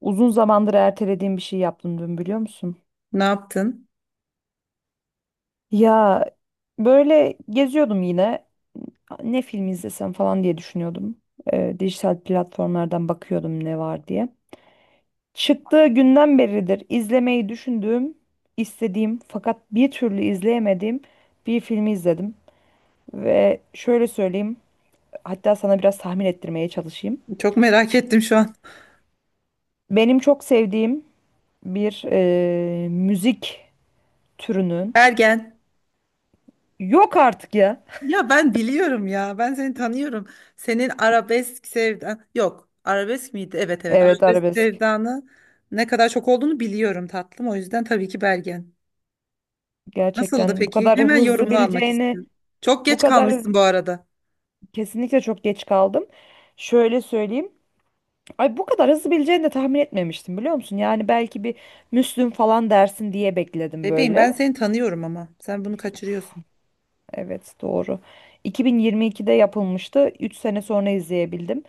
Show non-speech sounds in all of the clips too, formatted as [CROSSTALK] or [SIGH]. Uzun zamandır ertelediğim bir şey yaptım dün biliyor musun? Ne yaptın? Ya, böyle geziyordum yine. Ne film izlesem falan diye düşünüyordum. Dijital platformlardan bakıyordum ne var diye. Çıktığı günden beridir izlemeyi düşündüğüm, istediğim fakat bir türlü izleyemediğim bir filmi izledim. Ve şöyle söyleyeyim, hatta sana biraz tahmin ettirmeye çalışayım. Çok merak ettim şu an. Benim çok sevdiğim bir müzik türünün, Ergen. yok artık ya. Ya ben biliyorum ya. Ben seni tanıyorum. Senin arabesk sevdan yok. Arabesk miydi? Evet, evet. Evet, Arabesk arabesk. sevdanı ne kadar çok olduğunu biliyorum tatlım. O yüzden tabii ki Bergen. Nasıldı Gerçekten bu peki? kadar Hemen hızlı yorumunu almak bileceğini istiyorum. Çok bu geç kadar, kalmışsın bu arada. kesinlikle çok geç kaldım. Şöyle söyleyeyim. Ay, bu kadar hızlı bileceğini de tahmin etmemiştim biliyor musun? Yani belki bir Müslüm falan dersin diye bekledim Bebeğim böyle. ben seni tanıyorum ama. Sen bunu kaçırıyorsun. Evet, doğru. 2022'de yapılmıştı. 3 sene sonra izleyebildim.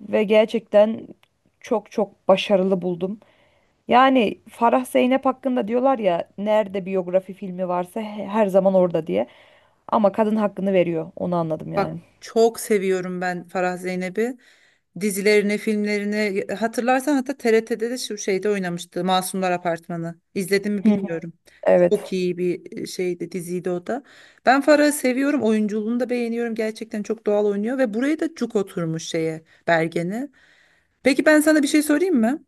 Ve gerçekten çok çok başarılı buldum. Yani Farah Zeynep hakkında diyorlar ya, nerede biyografi filmi varsa her zaman orada diye. Ama kadın hakkını veriyor. Onu anladım Bak yani. çok seviyorum ben Farah Zeynep'i, dizilerini, filmlerini. Hatırlarsan, hatta TRT'de de şu şeyde oynamıştı, Masumlar Apartmanı. İzledim mi Hı hı. bilmiyorum. Çok Evet. iyi bir şeydi, diziydi o da. Ben Farah'ı seviyorum, oyunculuğunu da beğeniyorum. Gerçekten çok doğal oynuyor ve buraya da cuk oturmuş şeye, Bergen'e. Peki ben sana bir şey sorayım mı?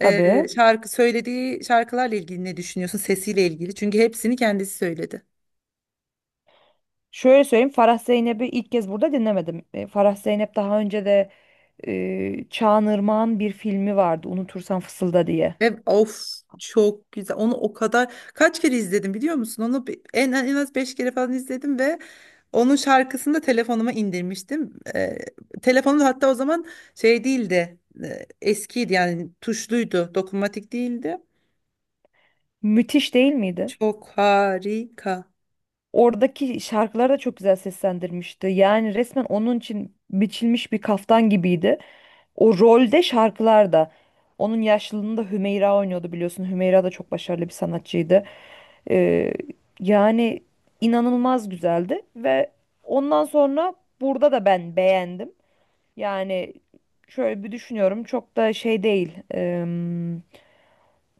Tabii. Şarkı söylediği şarkılarla ilgili ne düşünüyorsun? Sesiyle ilgili. Çünkü hepsini kendisi söyledi. Şöyle söyleyeyim. Farah Zeynep'i ilk kez burada dinlemedim. E, Farah Zeynep daha önce de Çağan Irmak'ın bir filmi vardı. Unutursan Fısılda diye. Ve of, çok güzel. Onu o kadar kaç kere izledim biliyor musun? Onu en az 5 kere falan izledim ve onun şarkısını da telefonuma indirmiştim. Telefonum da hatta o zaman şey değildi. Eskiydi yani, tuşluydu. Dokunmatik değildi. Müthiş değil miydi? Çok harika. Oradaki şarkıları da çok güzel seslendirmişti. Yani resmen onun için biçilmiş bir kaftan gibiydi. O rolde şarkılar da. Onun yaşlılığında Hümeyra oynuyordu biliyorsun. Hümeyra da çok başarılı bir sanatçıydı. Ee, yani inanılmaz güzeldi ve ondan sonra burada da ben beğendim. Yani şöyle bir düşünüyorum, çok da şey değil.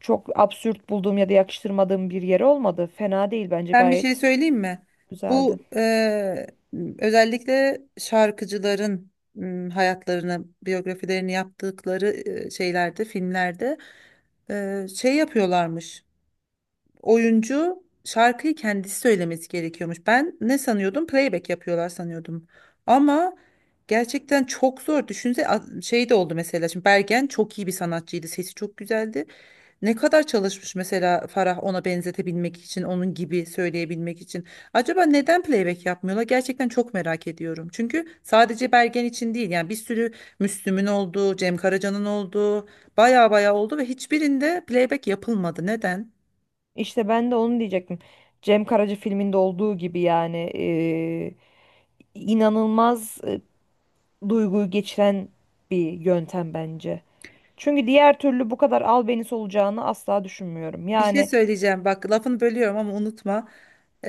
Çok absürt bulduğum ya da yakıştırmadığım bir yeri olmadı. Fena değil, bence Ben bir şey gayet söyleyeyim mi? güzeldi. Bu özellikle şarkıcıların hayatlarını, biyografilerini yaptıkları şeylerde, filmlerde şey yapıyorlarmış. Oyuncu şarkıyı kendisi söylemesi gerekiyormuş. Ben ne sanıyordum? Playback yapıyorlar sanıyordum. Ama gerçekten çok zor. Şey de oldu mesela. Şimdi Bergen çok iyi bir sanatçıydı. Sesi çok güzeldi. Ne kadar çalışmış mesela Farah, ona benzetebilmek için, onun gibi söyleyebilmek için. Acaba neden playback yapmıyorlar? Gerçekten çok merak ediyorum. Çünkü sadece Bergen için değil, yani bir sürü Müslüm'ün olduğu, Cem Karaca'nın olduğu, baya baya oldu ve hiçbirinde playback yapılmadı. Neden? İşte ben de onu diyecektim. Cem Karaca filminde olduğu gibi yani inanılmaz duyguyu geçiren bir yöntem bence. Çünkü diğer türlü bu kadar albenisi olacağını asla düşünmüyorum. Bir şey Yani. söyleyeceğim bak, lafını bölüyorum ama unutma.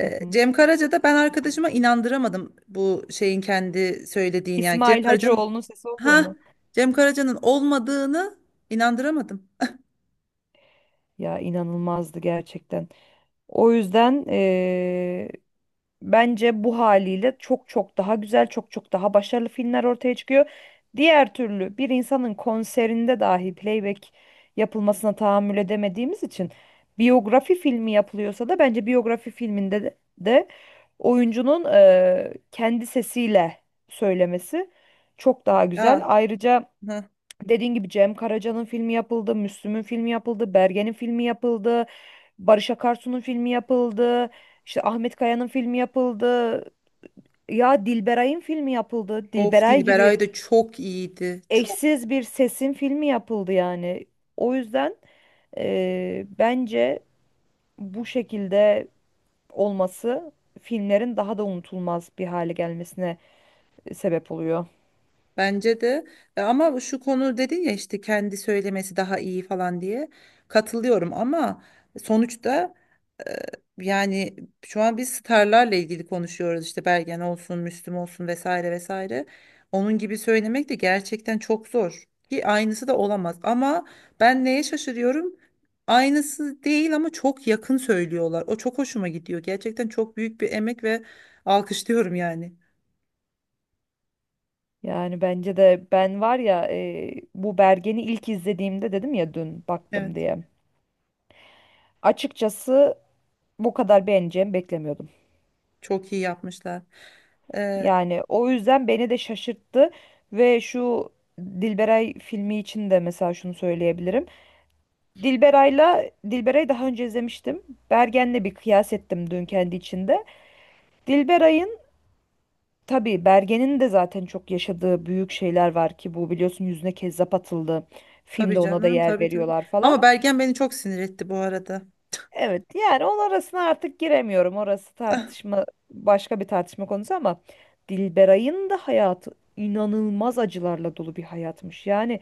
Hı hı. Cem Karaca'da ben arkadaşıma inandıramadım bu şeyin kendi söylediğini, yani İsmail Hacıoğlu'nun sesi oldu ha mu? Cem Karaca'nın olmadığını inandıramadım. Ya, inanılmazdı gerçekten. O yüzden, bence bu haliyle çok çok daha güzel, çok çok daha başarılı filmler ortaya çıkıyor. Diğer türlü bir insanın konserinde dahi playback yapılmasına tahammül edemediğimiz için biyografi filmi yapılıyorsa da bence biyografi filminde de oyuncunun kendi sesiyle söylemesi çok daha güzel. Ya, Ayrıca ha. dediğin gibi Cem Karaca'nın filmi yapıldı, Müslüm'ün filmi yapıldı, Bergen'in filmi yapıldı. Barış Akarsu'nun filmi yapıldı. İşte Ahmet Kaya'nın filmi yapıldı. Ya, Dilberay'ın filmi yapıldı. Of, Dilberay gibi Dilberay da çok iyiydi. Çok. eşsiz bir sesin filmi yapıldı yani. O yüzden bence bu şekilde olması filmlerin daha da unutulmaz bir hale gelmesine sebep oluyor. Bence de. Ama şu konu, dedin ya işte kendi söylemesi daha iyi falan diye, katılıyorum ama sonuçta, yani şu an biz starlarla ilgili konuşuyoruz işte, Bergen olsun, Müslüm olsun, vesaire vesaire. Onun gibi söylemek de gerçekten çok zor, ki aynısı da olamaz. Ama ben neye şaşırıyorum? Aynısı değil ama çok yakın söylüyorlar. O çok hoşuma gidiyor. Gerçekten çok büyük bir emek ve alkışlıyorum yani. Yani bence de ben var ya, bu Bergen'i ilk izlediğimde dedim ya dün baktım Evet, diye. Açıkçası bu kadar beğeneceğimi beklemiyordum. çok iyi yapmışlar. Ee, Yani o yüzden beni de şaşırttı ve şu Dilberay filmi için de mesela şunu söyleyebilirim. Dilberay'la Dilberay'ı daha önce izlemiştim. Bergen'le bir kıyas ettim dün kendi içinde. Dilberay'ın, tabii Bergen'in de zaten çok yaşadığı büyük şeyler var ki, bu biliyorsun, yüzüne kezzap atıldı. tabii Filmde ona da canım, yer tabii tabii. veriyorlar falan. Ama Bergen beni çok sinir etti bu arada. Evet yani onun arasına artık giremiyorum. Orası Ah, tartışma, başka bir tartışma konusu ama Dilberay'ın da hayatı inanılmaz acılarla dolu bir hayatmış. Yani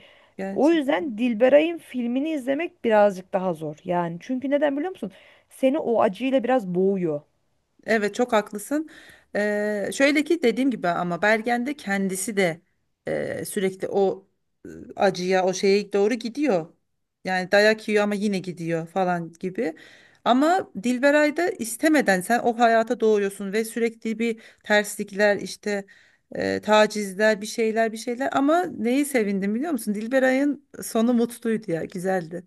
o gerçekten. yüzden Dilberay'ın filmini izlemek birazcık daha zor. Yani çünkü neden biliyor musun? Seni o acıyla biraz boğuyor. Evet, çok haklısın. Şöyle ki, dediğim gibi, ama Bergen de kendisi de sürekli o e, acıya, o şeye doğru gidiyor. Yani dayak yiyor ama yine gidiyor falan gibi. Ama Dilberay da, istemeden sen o hayata doğuyorsun ve sürekli bir terslikler, işte tacizler, bir şeyler bir şeyler, ama neyi sevindim biliyor musun? Dilberay'ın sonu mutluydu ya, güzeldi.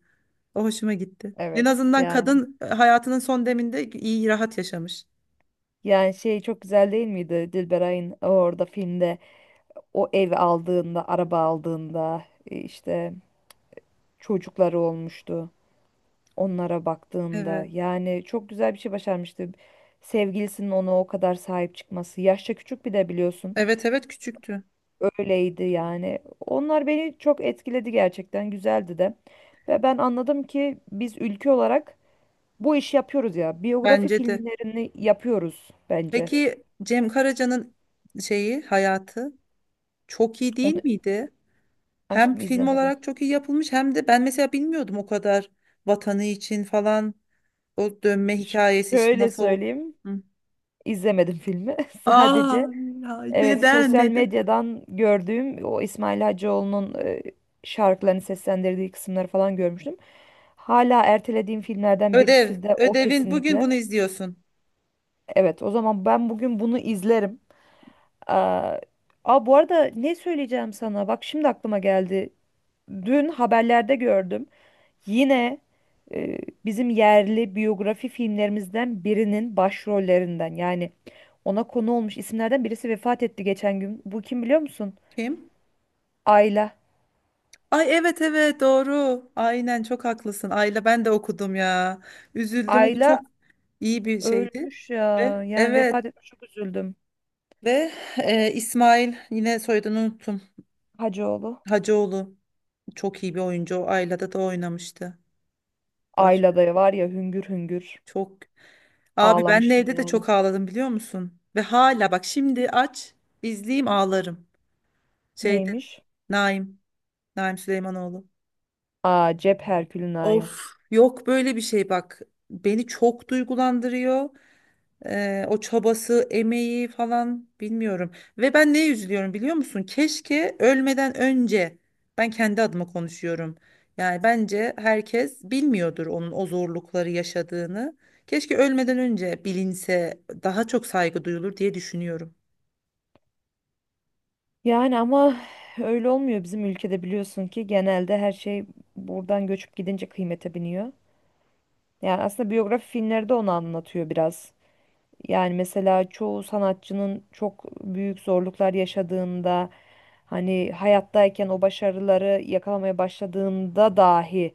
O hoşuma gitti. En Evet azından yani, kadın, hayatının son deminde iyi, rahat yaşamış. yani şey çok güzel değil miydi Dilberay'ın orada filmde, o ev aldığında, araba aldığında, işte çocukları olmuştu, onlara baktığında. Evet. Yani çok güzel bir şey başarmıştı. Sevgilisinin ona o kadar sahip çıkması. Yaşça küçük bir de biliyorsun. Evet, evet, küçüktü. Öyleydi yani. Onlar beni çok etkiledi gerçekten. Güzeldi de. Ve ben anladım ki biz ülke olarak bu işi yapıyoruz ya. Biyografi Bence de. filmlerini yapıyoruz bence. Peki Cem Karaca'nın şeyi, hayatı çok iyi değil Onu miydi? Hem aşkım film izlemedim. olarak çok iyi yapılmış, hem de ben mesela bilmiyordum o kadar, vatanı için falan, o dönme Ş- hikayesi işte Şöyle nasıl oldu. söyleyeyim. Hı. İzlemedim filmi. [LAUGHS] Sadece Aa, ya evet, neden sosyal neden? medyadan gördüğüm o İsmail Hacıoğlu'nun şarkılarını seslendirdiği kısımları falan görmüştüm. Hala ertelediğim filmlerden Ödev. birisi de o Ödevin bugün kesinlikle. bunu izliyorsun. Evet, o zaman ben bugün bunu izlerim. Aa, bu arada ne söyleyeceğim sana? Bak şimdi aklıma geldi. Dün haberlerde gördüm. Yine e, bizim yerli biyografi filmlerimizden birinin başrollerinden, yani ona konu olmuş isimlerden birisi vefat etti geçen gün. Bu kim biliyor musun? Kim? Ayla. Ay, evet evet, doğru. Aynen, çok haklısın. Ayla, ben de okudum ya. Üzüldüm. O da çok Ayla iyi bir şeydi. ölmüş Ve ya. Yani evet, vefat etmiş, çok üzüldüm. ve İsmail, yine soyadını unuttum. Hacıoğlu. Hacıoğlu, çok iyi bir oyuncu. O Ayla'da da oynamıştı. Baş Ayla da var ya, hüngür hüngür Çok. Abi, ben ağlamıştım neyde de yani. çok ağladım biliyor musun? Ve hala bak, şimdi aç izleyeyim, ağlarım. Şeyde, Neymiş? Naim Naim Süleymanoğlu. Aa, cep Herkül'ün ayım. Of, yok böyle bir şey bak. Beni çok duygulandırıyor. O çabası, emeği falan, bilmiyorum. Ve ben neye üzülüyorum biliyor musun? Keşke ölmeden önce, ben kendi adıma konuşuyorum, yani bence herkes bilmiyordur onun o zorlukları yaşadığını. Keşke ölmeden önce bilinse, daha çok saygı duyulur diye düşünüyorum. Yani ama öyle olmuyor bizim ülkede, biliyorsun ki genelde her şey buradan göçüp gidince kıymete biniyor. Yani aslında biyografi filmleri de onu anlatıyor biraz. Yani mesela çoğu sanatçının çok büyük zorluklar yaşadığında, hani hayattayken o başarıları yakalamaya başladığında dahi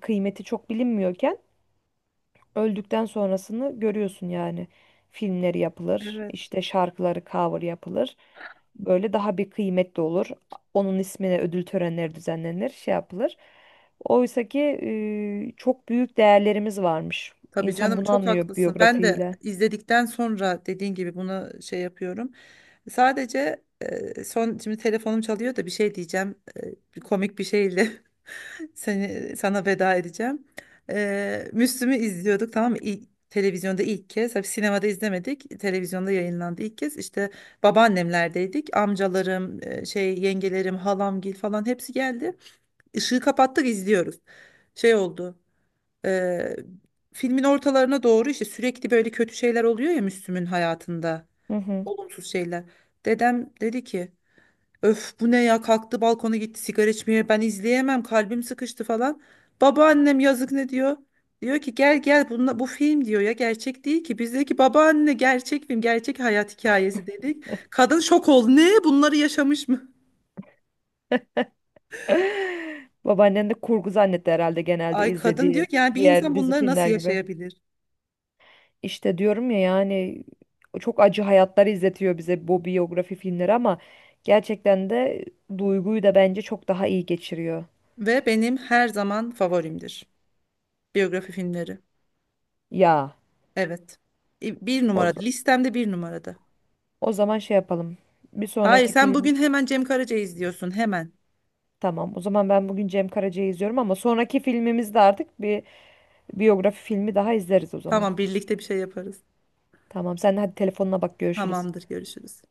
kıymeti çok bilinmiyorken öldükten sonrasını görüyorsun yani. Filmleri yapılır, Evet. işte şarkıları cover yapılır. Böyle daha bir kıymetli olur. Onun ismine ödül törenleri düzenlenir, şey yapılır. Oysa ki çok büyük değerlerimiz varmış. Tabii İnsan canım, bunu çok anlıyor haklısın. Ben de biyografiyle. izledikten sonra, dediğin gibi, buna şey yapıyorum. Sadece son, şimdi telefonum çalıyor da, bir şey diyeceğim. E, bir komik bir şeyle [LAUGHS] seni, sana veda edeceğim. Müslüm'ü izliyorduk, tamam mı? İlk, televizyonda ilk kez. Tabii sinemada izlemedik. Televizyonda yayınlandı ilk kez. İşte babaannemlerdeydik. Amcalarım, şey, yengelerim, halamgil falan hepsi geldi. Işığı kapattık, izliyoruz. Şey oldu. e, Filmin ortalarına doğru, işte sürekli böyle kötü şeyler oluyor ya Müslüm'ün hayatında. Hı hı. Olumsuz şeyler. Dedem dedi ki, "Öf, bu ne ya," kalktı, balkona gitti sigara içmeye, "Ben izleyemem, kalbim sıkıştı," falan. Babaannem, yazık, ne diyor? Diyor ki, "Gel gel, bunla, bu film," diyor ya, "gerçek değil ki." Bizdeki babaanne, "Gerçek film, gerçek hayat hikayesi," dedik. Kadın şok oldu, ne, bunları yaşamış mı? [LAUGHS] Babaannen de kurgu zannetti herhalde, genelde Ay kadın diyor izlediği ki, yani bir insan diğer dizi bunları nasıl filmler gibi. yaşayabilir? İşte diyorum ya yani çok acı hayatlar izletiyor bize bu biyografi filmleri ama gerçekten de duyguyu da bence çok daha iyi geçiriyor. Ve benim her zaman favorimdir biyografi filmleri. Ya Evet. Bir o, z- numarada, listemde bir numarada. o zaman şey yapalım. Bir Hayır, sonraki sen film, bugün hemen Cem Karaca izliyorsun, hemen. tamam. O zaman ben bugün Cem Karaca'yı izliyorum ama sonraki filmimizde artık bir biyografi filmi daha izleriz o zaman. Tamam, birlikte bir şey yaparız. Tamam, sen de hadi telefonuna bak, görüşürüz. Tamamdır, görüşürüz.